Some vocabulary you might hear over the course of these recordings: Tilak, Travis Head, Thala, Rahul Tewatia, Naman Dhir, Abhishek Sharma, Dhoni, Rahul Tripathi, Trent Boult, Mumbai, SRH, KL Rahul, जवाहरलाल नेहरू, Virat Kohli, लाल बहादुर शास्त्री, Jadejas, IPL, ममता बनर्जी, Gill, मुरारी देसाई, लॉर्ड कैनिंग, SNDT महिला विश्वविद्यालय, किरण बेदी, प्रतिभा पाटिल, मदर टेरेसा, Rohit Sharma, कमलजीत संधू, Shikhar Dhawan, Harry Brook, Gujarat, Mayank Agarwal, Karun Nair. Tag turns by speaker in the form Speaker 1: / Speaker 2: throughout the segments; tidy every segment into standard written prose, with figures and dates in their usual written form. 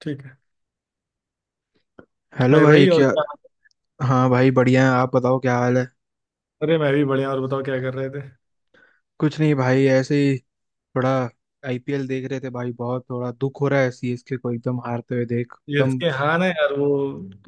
Speaker 1: ठीक है।
Speaker 2: Hello
Speaker 1: hi
Speaker 2: भाई।
Speaker 1: भाई, और
Speaker 2: क्या?
Speaker 1: क्या?
Speaker 2: हाँ भाई, बढ़िया है। आप बताओ, क्या हाल है?
Speaker 1: अरे मैं भी बढ़िया, और बताओ क्या कर रहे थे?
Speaker 2: कुछ नहीं भाई, ऐसे ही। थोड़ा आईपीएल देख रहे थे भाई, बहुत थोड़ा दुख हो रहा है सीएसके को एकदम हारते हुए देख, एकदम।
Speaker 1: सीएसके, हाँ ना यार, वो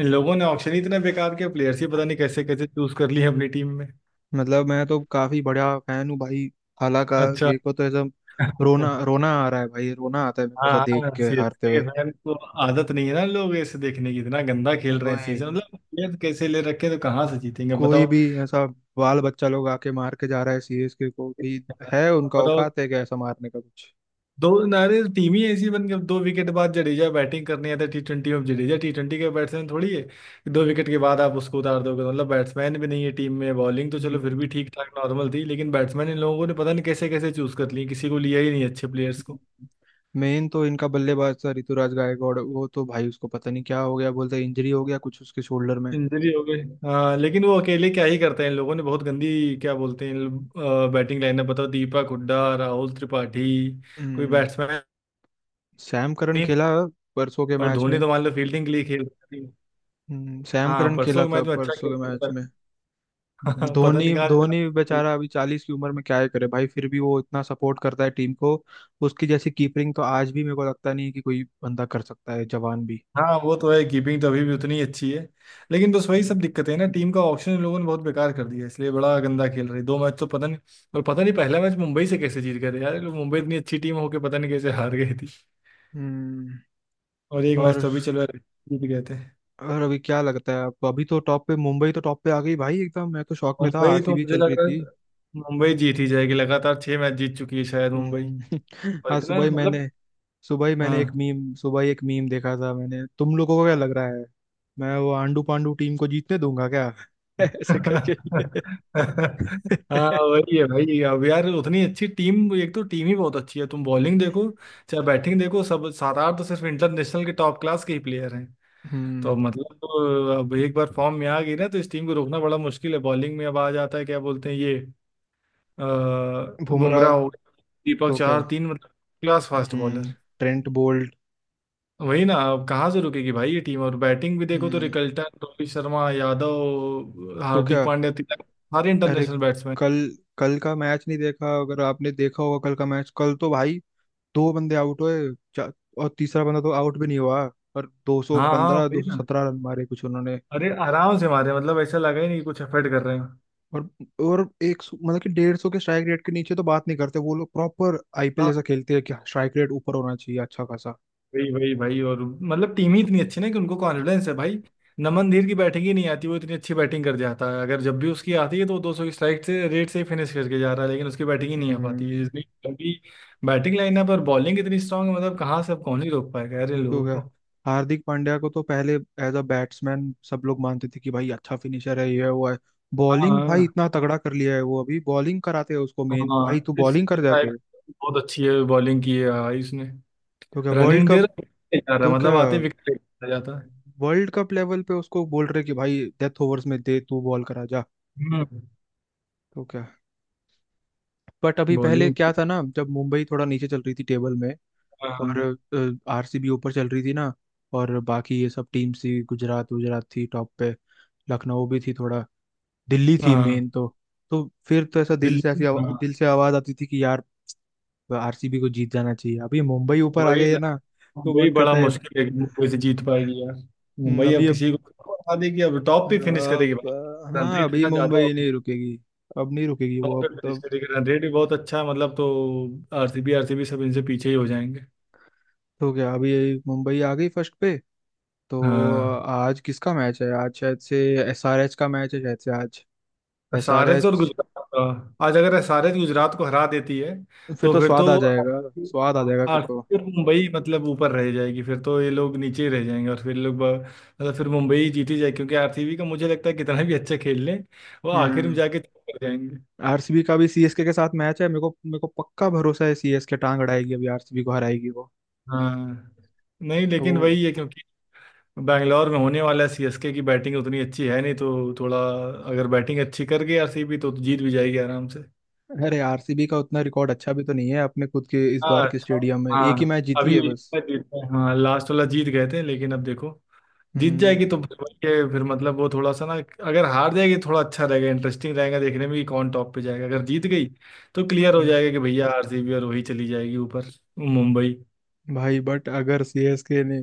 Speaker 1: इन लोगों ने ऑक्शन ही इतने बेकार के प्लेयर्स ही पता नहीं कैसे कैसे चूज कर लिए अपनी टीम में।
Speaker 2: मतलब मैं तो काफी बड़ा फैन हूँ भाई, हालांकि।
Speaker 1: अच्छा।
Speaker 2: मेरे को तो एकदम रोना रोना आ रहा है भाई, रोना आता है मेरे को
Speaker 1: हाँ
Speaker 2: ऐसा देख
Speaker 1: हाँ,
Speaker 2: के हारते
Speaker 1: सीएसके के
Speaker 2: हुए।
Speaker 1: फैन को आदत नहीं है ना लोग ऐसे देखने की। इतना गंदा खेल रहे हैं
Speaker 2: वही,
Speaker 1: सीजन, मतलब प्लेयर कैसे ले रखे हैं, तो कहाँ से जीतेंगे
Speaker 2: कोई
Speaker 1: बताओ?
Speaker 2: भी ऐसा बाल बच्चा लोग आके मार के जा रहा है सीएसके को भी। है उनका
Speaker 1: बताओ,
Speaker 2: औकात है क्या ऐसा मारने का कुछ?
Speaker 1: दो नारे टीम ही ऐसी बन गई। अब 2 विकेट बाद जडेजा बैटिंग करने आता है T20 में, अब जडेजा T20 का बैट्समैन थोड़ी है कि 2 विकेट के बाद आप उसको उतार दोगे, तो मतलब बैट्समैन भी नहीं है टीम में। बॉलिंग तो चलो फिर
Speaker 2: हम्म।
Speaker 1: भी ठीक ठाक नॉर्मल थी, लेकिन बैट्समैन इन लोगों ने पता नहीं कैसे कैसे चूज कर ली, किसी को लिया ही नहीं अच्छे प्लेयर्स को।
Speaker 2: मेन तो इनका बल्लेबाज था ऋतुराज गायकवाड़। वो तो भाई, उसको पता नहीं क्या हो गया, बोलते इंजरी हो गया कुछ उसके शोल्डर में।
Speaker 1: इंजरी हो गई, हाँ, लेकिन वो अकेले क्या ही करते हैं। इन लोगों ने बहुत गंदी क्या बोलते हैं बैटिंग लाइनअप, बताओ, दीपक हुड्डा, राहुल त्रिपाठी, कोई
Speaker 2: हम्म,
Speaker 1: बैट्समैन
Speaker 2: सैम करन
Speaker 1: नहीं।
Speaker 2: खेला परसों के
Speaker 1: और
Speaker 2: मैच
Speaker 1: धोनी
Speaker 2: में।
Speaker 1: तो मान लो फील्डिंग के लिए खेल।
Speaker 2: सैम
Speaker 1: हाँ,
Speaker 2: करन
Speaker 1: परसों
Speaker 2: खेला
Speaker 1: के
Speaker 2: था
Speaker 1: मैच में अच्छा
Speaker 2: परसों
Speaker 1: खेल।
Speaker 2: के मैच में।
Speaker 1: हाँ, पता
Speaker 2: धोनी
Speaker 1: नहीं कहाँ इतना।
Speaker 2: धोनी बेचारा अभी 40 की उम्र में क्या ही करे भाई, फिर भी वो इतना सपोर्ट करता है टीम को। उसकी जैसी कीपिंग तो आज भी मेरे को लगता नहीं है कि कोई बंदा कर सकता है, जवान भी।
Speaker 1: हाँ वो तो है, कीपिंग तो अभी भी उतनी अच्छी है, लेकिन बस वही सब दिक्कतें हैं ना, टीम का ऑप्शन इन लोगों ने बहुत बेकार कर दिया है, इसलिए बड़ा गंदा खेल रही। 2 मैच तो पता नहीं। और पता नहीं पहला मैच मुंबई से कैसे जीत गए थे यार ये लोग, मुंबई इतनी अच्छी टीम होके पता नहीं कैसे हार गई थी।
Speaker 2: हम्म।
Speaker 1: और एक मैच
Speaker 2: और
Speaker 1: तो अभी चलो यार जीत गए थे।
Speaker 2: और अभी क्या लगता है आपको? अभी तो टॉप पे, मुंबई तो टॉप पे आ गई भाई एकदम, मैं तो शॉक में था,
Speaker 1: मुंबई तो
Speaker 2: आरसीबी
Speaker 1: मुझे
Speaker 2: चल
Speaker 1: लग
Speaker 2: रही
Speaker 1: रहा
Speaker 2: थी।
Speaker 1: है मुंबई जीत ही जाएगी, लगातार 6 मैच जीत चुकी है शायद मुंबई,
Speaker 2: हम्म।
Speaker 1: और
Speaker 2: आज
Speaker 1: इतना
Speaker 2: सुबह ही मैंने,
Speaker 1: मतलब। हाँ।
Speaker 2: एक मीम देखा था। मैंने तुम लोगों को क्या लग रहा है, मैं वो आंडू पांडू टीम को जीतने दूंगा क्या? ऐसे करके।
Speaker 1: हाँ, वही है भाई। अब यार उतनी अच्छी टीम, एक तो टीम ही बहुत अच्छी है, तुम बॉलिंग देखो चाहे बैटिंग देखो, सब 7-8 तो सिर्फ इंटरनेशनल के टॉप क्लास के ही प्लेयर हैं। तो
Speaker 2: हम्म।
Speaker 1: मतलब तो अब एक बार फॉर्म में आ गई ना, तो इस टीम को रोकना बड़ा मुश्किल है। बॉलिंग में अब आ जाता है क्या बोलते हैं ये, अ,
Speaker 2: बुमराह।
Speaker 1: बुमराह हो गया, दीपक,
Speaker 2: तो क्या।
Speaker 1: चार तीन, मतलब क्लास फास्ट
Speaker 2: हम्म।
Speaker 1: बॉलर।
Speaker 2: Trent Boult.
Speaker 1: वही ना, अब कहाँ से रुकेगी भाई ये टीम, और बैटिंग भी देखो तो
Speaker 2: हम्म।
Speaker 1: रिकल्टन, रोहित शर्मा, यादव,
Speaker 2: तो
Speaker 1: हार्दिक
Speaker 2: क्या।
Speaker 1: पांड्या, तिलक, सारे
Speaker 2: अरे,
Speaker 1: इंटरनेशनल बैट्समैन।
Speaker 2: कल कल का मैच नहीं देखा? अगर आपने देखा होगा कल का मैच, कल तो भाई दो बंदे आउट हुए और तीसरा बंदा तो आउट भी नहीं हुआ, और
Speaker 1: हाँ हाँ,
Speaker 2: 215
Speaker 1: वही ना।
Speaker 2: 217 रन मारे कुछ उन्होंने।
Speaker 1: अरे आराम से मारे, मतलब ऐसा लगा ही नहीं कि कुछ एफर्ट कर रहे हैं।
Speaker 2: और मतलब कि 150 के स्ट्राइक रेट के नीचे तो बात नहीं करते वो लोग, प्रॉपर आईपीएल
Speaker 1: हाँ,
Speaker 2: जैसा खेलते हैं कि स्ट्राइक रेट ऊपर होना चाहिए अच्छा खासा।
Speaker 1: वही वही भाई, और मतलब टीम ही इतनी अच्छी ना कि उनको कॉन्फिडेंस है भाई। नमन धीर की बैटिंग ही नहीं आती, वो इतनी अच्छी बैटिंग कर जाता है। अगर जब भी उसकी आती है तो 200 की स्ट्राइक से रेट से ही फिनिश करके जा रहा है, लेकिन उसकी बैटिंग ही नहीं आ पाती है,
Speaker 2: हम्म।
Speaker 1: इसलिए क्योंकि बैटिंग लाइनअप और बॉलिंग इतनी स्ट्रांग है, मतलब कहाँ से अब कौन ही रोक पाएगा यार इन
Speaker 2: तो
Speaker 1: लोगों
Speaker 2: क्या,
Speaker 1: को।
Speaker 2: हार्दिक पांड्या को तो पहले एज अ बैट्समैन सब लोग मानते थे कि भाई अच्छा फिनिशर है, ये है वो है। बॉलिंग भाई
Speaker 1: हाँ
Speaker 2: इतना तगड़ा कर लिया है वो, अभी बॉलिंग कराते हैं उसको मेन
Speaker 1: हाँ,
Speaker 2: भाई, तू
Speaker 1: इस
Speaker 2: बॉलिंग
Speaker 1: इस
Speaker 2: कर
Speaker 1: टाइप
Speaker 2: जाके।
Speaker 1: बहुत अच्छी है बॉलिंग की है, हाँ, इसने
Speaker 2: तो क्या,
Speaker 1: रनिंग देर जा रहा
Speaker 2: तो
Speaker 1: है,
Speaker 2: क्या
Speaker 1: मतलब आते विकेट जाता है।
Speaker 2: वर्ल्ड कप लेवल पे उसको बोल रहे कि भाई डेथ ओवर्स में दे तू बॉल करा जा।
Speaker 1: हम्म।
Speaker 2: तो क्या, बट अभी पहले
Speaker 1: बॉलिंग।
Speaker 2: क्या था ना, जब मुंबई थोड़ा नीचे चल रही थी टेबल में,
Speaker 1: हाँ।
Speaker 2: और आरसीबी ऊपर चल रही थी ना, और बाकी ये सब टीम्स थी, गुजरात गुजरात थी टॉप पे, लखनऊ भी थी थोड़ा, दिल्ली थी
Speaker 1: हाँ,
Speaker 2: मेन तो। तो फिर तो ऐसा दिल से, ऐसी
Speaker 1: दिल्ली, हाँ,
Speaker 2: दिल से आवाज आती थी कि यार आरसीबी को जीत जाना चाहिए, अभी मुंबई ऊपर आ
Speaker 1: वही
Speaker 2: गई है
Speaker 1: ना।
Speaker 2: ना। तो
Speaker 1: वही
Speaker 2: मन
Speaker 1: बड़ा
Speaker 2: करता है।
Speaker 1: मुश्किल है कि मुंबई से जीत पाएगी यार। मुंबई
Speaker 2: अभी
Speaker 1: अब
Speaker 2: अब
Speaker 1: किसी को हरा देगी, अब टॉप पे फिनिश करेगी
Speaker 2: अब
Speaker 1: भाई, रन
Speaker 2: हाँ,
Speaker 1: रेट
Speaker 2: अभी
Speaker 1: इतना ज्यादा
Speaker 2: मुंबई
Speaker 1: होगा,
Speaker 2: नहीं रुकेगी। अब नहीं रुकेगी
Speaker 1: टॉप
Speaker 2: वो, अब
Speaker 1: पे फिनिश
Speaker 2: तब।
Speaker 1: करेगी, रन रेट भी बहुत अच्छा है मतलब। तो आरसीबी, आरसीबी सब इनसे पीछे ही हो जाएंगे।
Speaker 2: तो क्या, अभी मुंबई आ गई फर्स्ट पे, तो
Speaker 1: हाँ,
Speaker 2: आज किसका मैच है? आज शायद से एसआरएच का मैच है, शायद से आज।
Speaker 1: एसआरएच और
Speaker 2: एसआरएच,
Speaker 1: गुजरात का आज। अगर एसआरएच गुजरात को हरा देती है
Speaker 2: फिर
Speaker 1: तो
Speaker 2: तो
Speaker 1: फिर
Speaker 2: स्वाद
Speaker 1: तो
Speaker 2: आ जाएगा। स्वाद आ जाएगा फिर तो।
Speaker 1: आरसीबी और मुंबई मतलब ऊपर रह जाएगी, फिर तो ये लोग नीचे ही रह जाएंगे, और फिर लोग मतलब फिर मुंबई ही जीती जाएगी, क्योंकि आरसीबी का मुझे लगता है कितना भी अच्छा खेल लें वो आखिर में
Speaker 2: हम्म।
Speaker 1: जाके चुप कर जाएंगे।
Speaker 2: आरसीबी का भी सीएसके के साथ मैच है, मेरे को पक्का भरोसा है सीएसके टांग अड़ाएगी, अभी आरसीबी को हराएगी वो।
Speaker 1: हाँ, नहीं,
Speaker 2: तो
Speaker 1: लेकिन
Speaker 2: वो-
Speaker 1: वही है क्योंकि बैंगलोर में होने वाला, सीएसके की बैटिंग उतनी अच्छी है नहीं, तो थोड़ा अगर बैटिंग अच्छी कर गई आरसीबी तो जीत भी जाएगी आराम।
Speaker 2: अरे, आरसीबी का उतना रिकॉर्ड अच्छा भी तो नहीं है अपने खुद के इस बार
Speaker 1: हाँ,
Speaker 2: के स्टेडियम में, एक ही
Speaker 1: हाँ
Speaker 2: मैच जीती
Speaker 1: अभी
Speaker 2: है बस।
Speaker 1: इसका जीतते हैं, हाँ लास्ट वाला जीत गए थे, लेकिन अब देखो जीत
Speaker 2: हम्म।
Speaker 1: जाएगी तो फिर वही है, फिर मतलब वो थोड़ा सा ना। अगर हार जाएगी तो थोड़ा अच्छा रहेगा, इंटरेस्टिंग रहेगा देखने में कि कौन टॉप पे जाएगा। अगर जीत गई तो क्लियर हो
Speaker 2: हम्म।
Speaker 1: जाएगा कि भैया आरसीबी और वही चली जाएगी ऊपर, मुंबई।
Speaker 2: भाई बट अगर सीएसके ने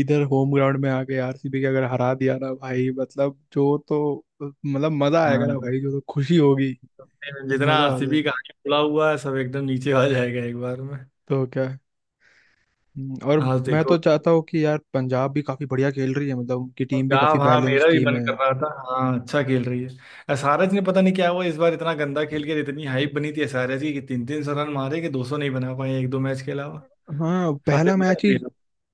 Speaker 2: इधर होम ग्राउंड में आके आरसीबी के अगर हरा दिया ना भाई, मतलब जो तो मतलब मजा आएगा ना
Speaker 1: हाँ।
Speaker 2: भाई, जो तो खुशी होगी।
Speaker 1: तो फिर जितना
Speaker 2: मजा आ जाए।
Speaker 1: आरसीबी का आगे खुला हुआ है सब एकदम नीचे आ जाएगा एक बार में।
Speaker 2: तो क्या। और
Speaker 1: हाँ,
Speaker 2: मैं तो
Speaker 1: देखो,
Speaker 2: चाहता हूँ कि यार पंजाब भी काफी बढ़िया खेल रही है, मतलब उनकी टीम भी काफी
Speaker 1: पंजाब, हाँ,
Speaker 2: बैलेंस
Speaker 1: मेरा भी
Speaker 2: टीम
Speaker 1: मन
Speaker 2: है।
Speaker 1: कर रहा था, हाँ अच्छा खेल रही है। एसआरएच ने पता नहीं क्या हुआ इस बार, इतना गंदा खेल के, इतनी हाइप बनी थी एसआरएच की कि तीन तीन सौ रन मारे, कि दो सौ नहीं बना पाए 1-2 मैच के अलावा
Speaker 2: हाँ,
Speaker 1: सारे मैच भी।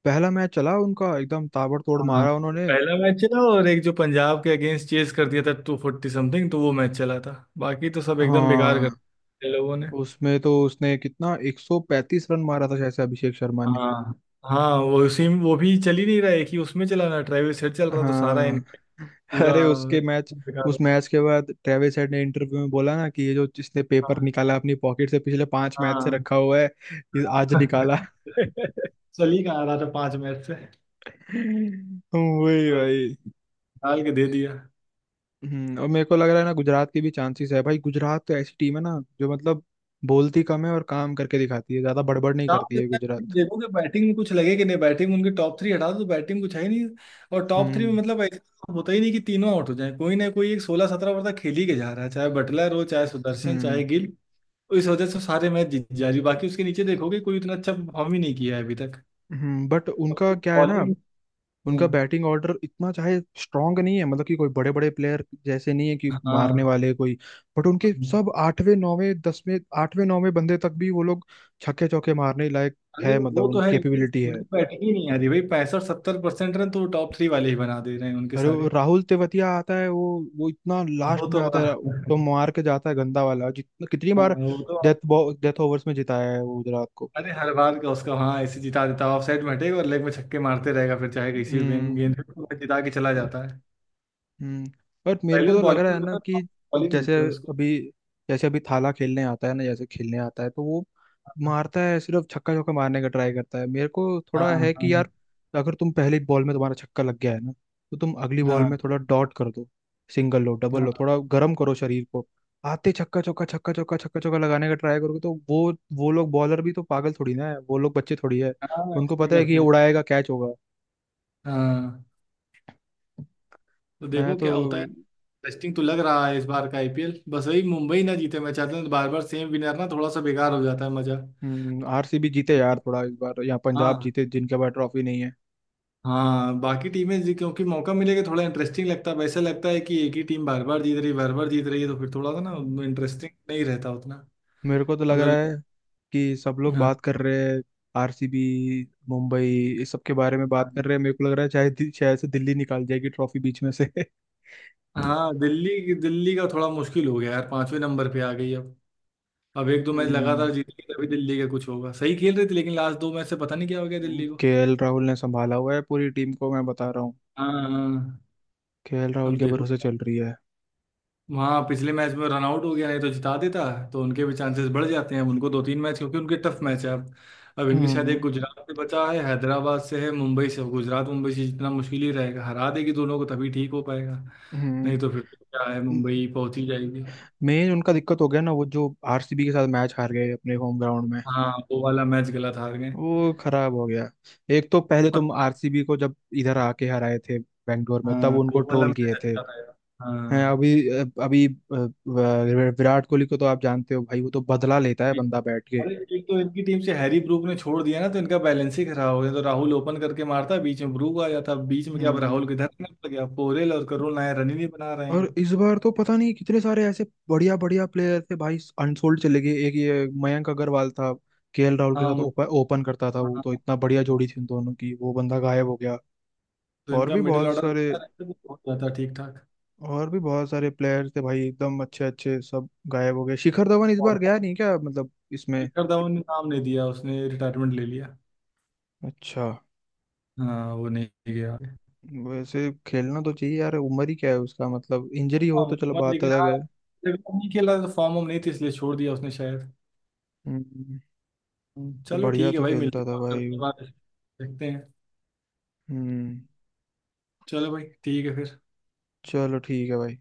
Speaker 2: पहला मैच चला उनका, एकदम ताबड़तोड़
Speaker 1: हाँ,
Speaker 2: मारा उन्होंने।
Speaker 1: पहला मैच चला, और एक जो पंजाब के अगेंस्ट चेस कर दिया था 240 something, तो वो मैच चला था, बाकी तो सब एकदम बेकार कर
Speaker 2: हाँ,
Speaker 1: दिया इन लोगों ने।
Speaker 2: उसमें तो उसने कितना 135 रन मारा था शायद से, अभिषेक शर्मा ने।
Speaker 1: हाँ हाँ, वो उसी वो भी चल ही नहीं रहा है, कि उसमें चला ना ट्रेविस हेड चल रहा तो सारा
Speaker 2: हाँ।
Speaker 1: इनका पूरा
Speaker 2: अरे उसके मैच
Speaker 1: बेकार हो
Speaker 2: उस
Speaker 1: गया।
Speaker 2: मैच के बाद ट्रेविस हेड ने इंटरव्यू में बोला ना कि ये जो जिसने पेपर निकाला अपनी पॉकेट से पिछले 5 मैच से
Speaker 1: हाँ।
Speaker 2: रखा हुआ है, ये आज
Speaker 1: हाँ।
Speaker 2: निकाला।
Speaker 1: चल ही कहाँ रहा था 5 मैच से,
Speaker 2: वही
Speaker 1: तो
Speaker 2: भाई।
Speaker 1: डाल के दे दिया।
Speaker 2: हम्म, और मेरे को लग रहा है ना, गुजरात की भी चांसेस है भाई। गुजरात तो ऐसी टीम है ना जो मतलब बोलती कम है और काम करके दिखाती है ज्यादा, बड़बड़ नहीं
Speaker 1: टॉप
Speaker 2: करती है
Speaker 1: देखता है,
Speaker 2: गुजरात।
Speaker 1: देखोगे बैटिंग में कुछ लगे कि नहीं, बैटिंग में उनके टॉप थ्री हटा दो तो बैटिंग कुछ है ही नहीं, और टॉप थ्री में
Speaker 2: हम्म।
Speaker 1: मतलब ऐसा होता ही नहीं कि तीनों आउट हो जाए, कोई ना कोई एक 16-17 ओवर तक खेल ही के जा रहा है चाहे बटलर हो चाहे सुदर्शन
Speaker 2: हम्म।
Speaker 1: चाहे गिल। तो इस वजह से सारे मैच जीत जा रही, बाकी उसके नीचे देखोगे कोई उतना अच्छा परफॉर्म ही नहीं किया है अभी तक।
Speaker 2: हम्म, बट उनका क्या है ना,
Speaker 1: बॉलिंग।
Speaker 2: उनका बैटिंग ऑर्डर इतना चाहे स्ट्रांग नहीं है, मतलब कि कोई बड़े बड़े प्लेयर जैसे नहीं है कि मारने
Speaker 1: हाँ।
Speaker 2: वाले कोई। बट उनके सब आठवें नौवें दसवें, आठवें नौवें बंदे तक भी वो लोग छक्के चौके मारने लायक
Speaker 1: अरे
Speaker 2: है, मतलब
Speaker 1: वो
Speaker 2: उन
Speaker 1: तो है, लेकिन
Speaker 2: कैपेबिलिटी है।
Speaker 1: उनकी बैटिंग ही नहीं आ रही भाई, 65-70% रन तो टॉप थ्री वाले ही बना दे रहे हैं उनके
Speaker 2: अरे वो
Speaker 1: सारे।
Speaker 2: राहुल तेवतिया आता है वो इतना
Speaker 1: वो
Speaker 2: लास्ट
Speaker 1: तो,
Speaker 2: में आता है
Speaker 1: हाँ,
Speaker 2: तो मार के जाता है गंदा वाला, जितना कितनी बार
Speaker 1: वो तो।
Speaker 2: डेथ डेथ ओवर्स में जिताया है वो गुजरात को।
Speaker 1: अरे हर बार का उसका, हाँ ऐसे जिता देता है, ऑफसाइड में हटेगा और लेग में छक्के मारते रहेगा, फिर चाहे किसी भी गेंद
Speaker 2: हम्म।
Speaker 1: गेंद पे वो जिता के चला जाता है।
Speaker 2: हम्म। बट मेरे
Speaker 1: पहले
Speaker 2: को
Speaker 1: तो
Speaker 2: तो लग रहा
Speaker 1: बॉलिंग
Speaker 2: है
Speaker 1: में
Speaker 2: ना
Speaker 1: था,
Speaker 2: कि
Speaker 1: बॉलिंग नहीं
Speaker 2: जैसे
Speaker 1: देते उसको।
Speaker 2: अभी जैसे अभी थाला खेलने आता है ना, जैसे खेलने आता है तो वो मारता है, सिर्फ छक्का चौका मारने का ट्राई करता है। मेरे को
Speaker 1: हाँ
Speaker 2: थोड़ा है कि
Speaker 1: हाँ।
Speaker 2: यार, अगर तुम पहली बॉल में तुम्हारा छक्का लग गया है ना, तो तुम अगली बॉल में
Speaker 1: हाँ
Speaker 2: थोड़ा डॉट कर दो, सिंगल लो
Speaker 1: हाँ।
Speaker 2: डबल लो,
Speaker 1: हाँ,
Speaker 2: थोड़ा गर्म करो शरीर को। आते छक्का चौका, छक्का चौका, छक्का चौका लगाने का ट्राई करोगे तो वो लोग बॉलर भी तो पागल थोड़ी ना है, वो लोग बच्चे थोड़ी है।
Speaker 1: हाँ,
Speaker 2: उनको
Speaker 1: ऐसे ही
Speaker 2: पता है कि ये
Speaker 1: करते हैं।
Speaker 2: उड़ाएगा, कैच होगा।
Speaker 1: हाँ, तो
Speaker 2: मैं
Speaker 1: देखो
Speaker 2: तो
Speaker 1: क्या होता है। इंटरेस्टिंग तो लग रहा है इस बार का आईपीएल, बस वही मुंबई ना जीते मैं चाहता हूँ, बार बार सेम विनर ना थोड़ा सा बेकार हो जाता है मजा।
Speaker 2: आरसीबी जीते यार थोड़ा इस बार, यहाँ पंजाब
Speaker 1: हाँ,
Speaker 2: जीते जिनके पास ट्रॉफी नहीं है।
Speaker 1: हाँ, बाकी टीमें क्योंकि मौका मिलेगा, थोड़ा इंटरेस्टिंग लगता है, वैसा लगता है कि एक ही टीम बार बार जीत रही, बार बार जीत रही है तो फिर थोड़ा सा ना
Speaker 2: हम्म,
Speaker 1: इंटरेस्टिंग नहीं रहता उतना,
Speaker 2: मेरे को तो लग रहा
Speaker 1: मतलब।
Speaker 2: है कि सब लोग
Speaker 1: हाँ,
Speaker 2: बात कर रहे हैं आरसीबी, मुंबई, इस सब के बारे में
Speaker 1: हाँ,
Speaker 2: बात कर रहे हैं। मेरे को लग रहा है शायद शायद से दिल्ली निकाल जाएगी ट्रॉफी बीच में से।
Speaker 1: हाँ, दिल्ली, दिल्ली का थोड़ा मुश्किल हो गया यार, 5वें नंबर पे आ गई अब। अब एक दो मैच लगातार
Speaker 2: हम्म।
Speaker 1: जीतेगी तभी दिल्ली का कुछ होगा, सही खेल रही थी लेकिन लास्ट 2 मैच से पता नहीं क्या हो गया दिल्ली को।
Speaker 2: केएल राहुल ने संभाला हुआ है पूरी टीम को, मैं बता रहा हूँ।
Speaker 1: हाँ हाँ,
Speaker 2: केएल राहुल
Speaker 1: अब
Speaker 2: के
Speaker 1: देखो
Speaker 2: भरोसे चल रही है।
Speaker 1: वहाँ पिछले मैच में रन आउट हो गया, नहीं तो जिता देता। तो उनके भी चांसेस बढ़ जाते हैं, अब उनको 2-3 मैच, क्योंकि उनके टफ मैच है अब। अब इनके शायद एक
Speaker 2: हम्म।
Speaker 1: गुजरात से बचा है, हैदराबाद से है, मुंबई से, गुजरात मुंबई से जितना मुश्किल ही रहेगा, हरा देगी दोनों को तभी ठीक हो पाएगा।
Speaker 2: हम्म।
Speaker 1: नहीं तो फिर तो क्या है, मुंबई पहुंच ही जाएगी।
Speaker 2: मेन उनका दिक्कत हो गया ना, वो जो आरसीबी के साथ मैच हार गए अपने होम ग्राउंड में,
Speaker 1: हाँ, वो वाला मैच गलत हार गए।
Speaker 2: वो खराब हो गया। एक तो पहले
Speaker 1: और
Speaker 2: तुम आरसीबी को जब इधर आके हराए थे बेंगलोर में, तब
Speaker 1: हाँ,
Speaker 2: उनको
Speaker 1: वो वाला
Speaker 2: ट्रोल किए
Speaker 1: मैच
Speaker 2: थे।
Speaker 1: अच्छा था यार।
Speaker 2: हैं
Speaker 1: हाँ।
Speaker 2: अभी, अभी विराट कोहली को तो आप जानते हो भाई, वो तो बदला लेता है बंदा बैठ के।
Speaker 1: अरे एक तो इनकी टीम से हैरी ब्रूक ने छोड़ दिया ना, तो इनका बैलेंस ही खराब हो गया। तो राहुल ओपन करके मारता, बीच में ब्रूक आ जाता, बीच में क्या अब,
Speaker 2: हम्म।
Speaker 1: राहुल किधर निकल गया, पोरेल और करुण नायर रन ही नहीं बना रहे
Speaker 2: और
Speaker 1: हैं।
Speaker 2: इस बार तो पता नहीं कितने सारे ऐसे बढ़िया बढ़िया प्लेयर थे भाई अनसोल्ड चले गए, एक ये मयंक अग्रवाल था, केएल राहुल के साथ
Speaker 1: हाँ,
Speaker 2: ओपन ओपन करता था
Speaker 1: हाँ,
Speaker 2: वो,
Speaker 1: हाँ,
Speaker 2: तो इतना बढ़िया
Speaker 1: हाँ।
Speaker 2: जोड़ी थी उन दोनों की, वो बंदा गायब हो गया।
Speaker 1: तो
Speaker 2: और
Speaker 1: इनका
Speaker 2: भी
Speaker 1: मिडिल
Speaker 2: बहुत
Speaker 1: ऑर्डर
Speaker 2: सारे
Speaker 1: अच्छा रहता है, तो हो जाता ठीक ठाक।
Speaker 2: और भी बहुत सारे प्लेयर्स थे भाई एकदम अच्छे अच्छे, सब गायब हो गए। शिखर धवन इस
Speaker 1: और
Speaker 2: बार गया नहीं क्या, मतलब इसमें?
Speaker 1: शिखर धवन ने नाम नहीं दिया, उसने रिटायरमेंट ले लिया।
Speaker 2: अच्छा।
Speaker 1: हाँ, वो नहीं गया।
Speaker 2: वैसे खेलना तो चाहिए यार, उम्र ही क्या है उसका, मतलब इंजरी हो
Speaker 1: हाँ,
Speaker 2: तो चलो
Speaker 1: मोहम्मद,
Speaker 2: बात
Speaker 1: लेकिन
Speaker 2: अलग
Speaker 1: हाँ
Speaker 2: है।
Speaker 1: जब तक नहीं खेला तो फॉर्म वॉर्म नहीं थी, इसलिए छोड़ दिया उसने शायद।
Speaker 2: हम्म, तो
Speaker 1: चलो
Speaker 2: बढ़िया
Speaker 1: ठीक है
Speaker 2: तो
Speaker 1: भाई, मिलते
Speaker 2: खेलता
Speaker 1: हैं
Speaker 2: था
Speaker 1: और
Speaker 2: भाई
Speaker 1: करते हैं
Speaker 2: वो।
Speaker 1: बात। देखते हैं।
Speaker 2: हम्म।
Speaker 1: चलो भाई ठीक है फिर।
Speaker 2: चलो ठीक है भाई।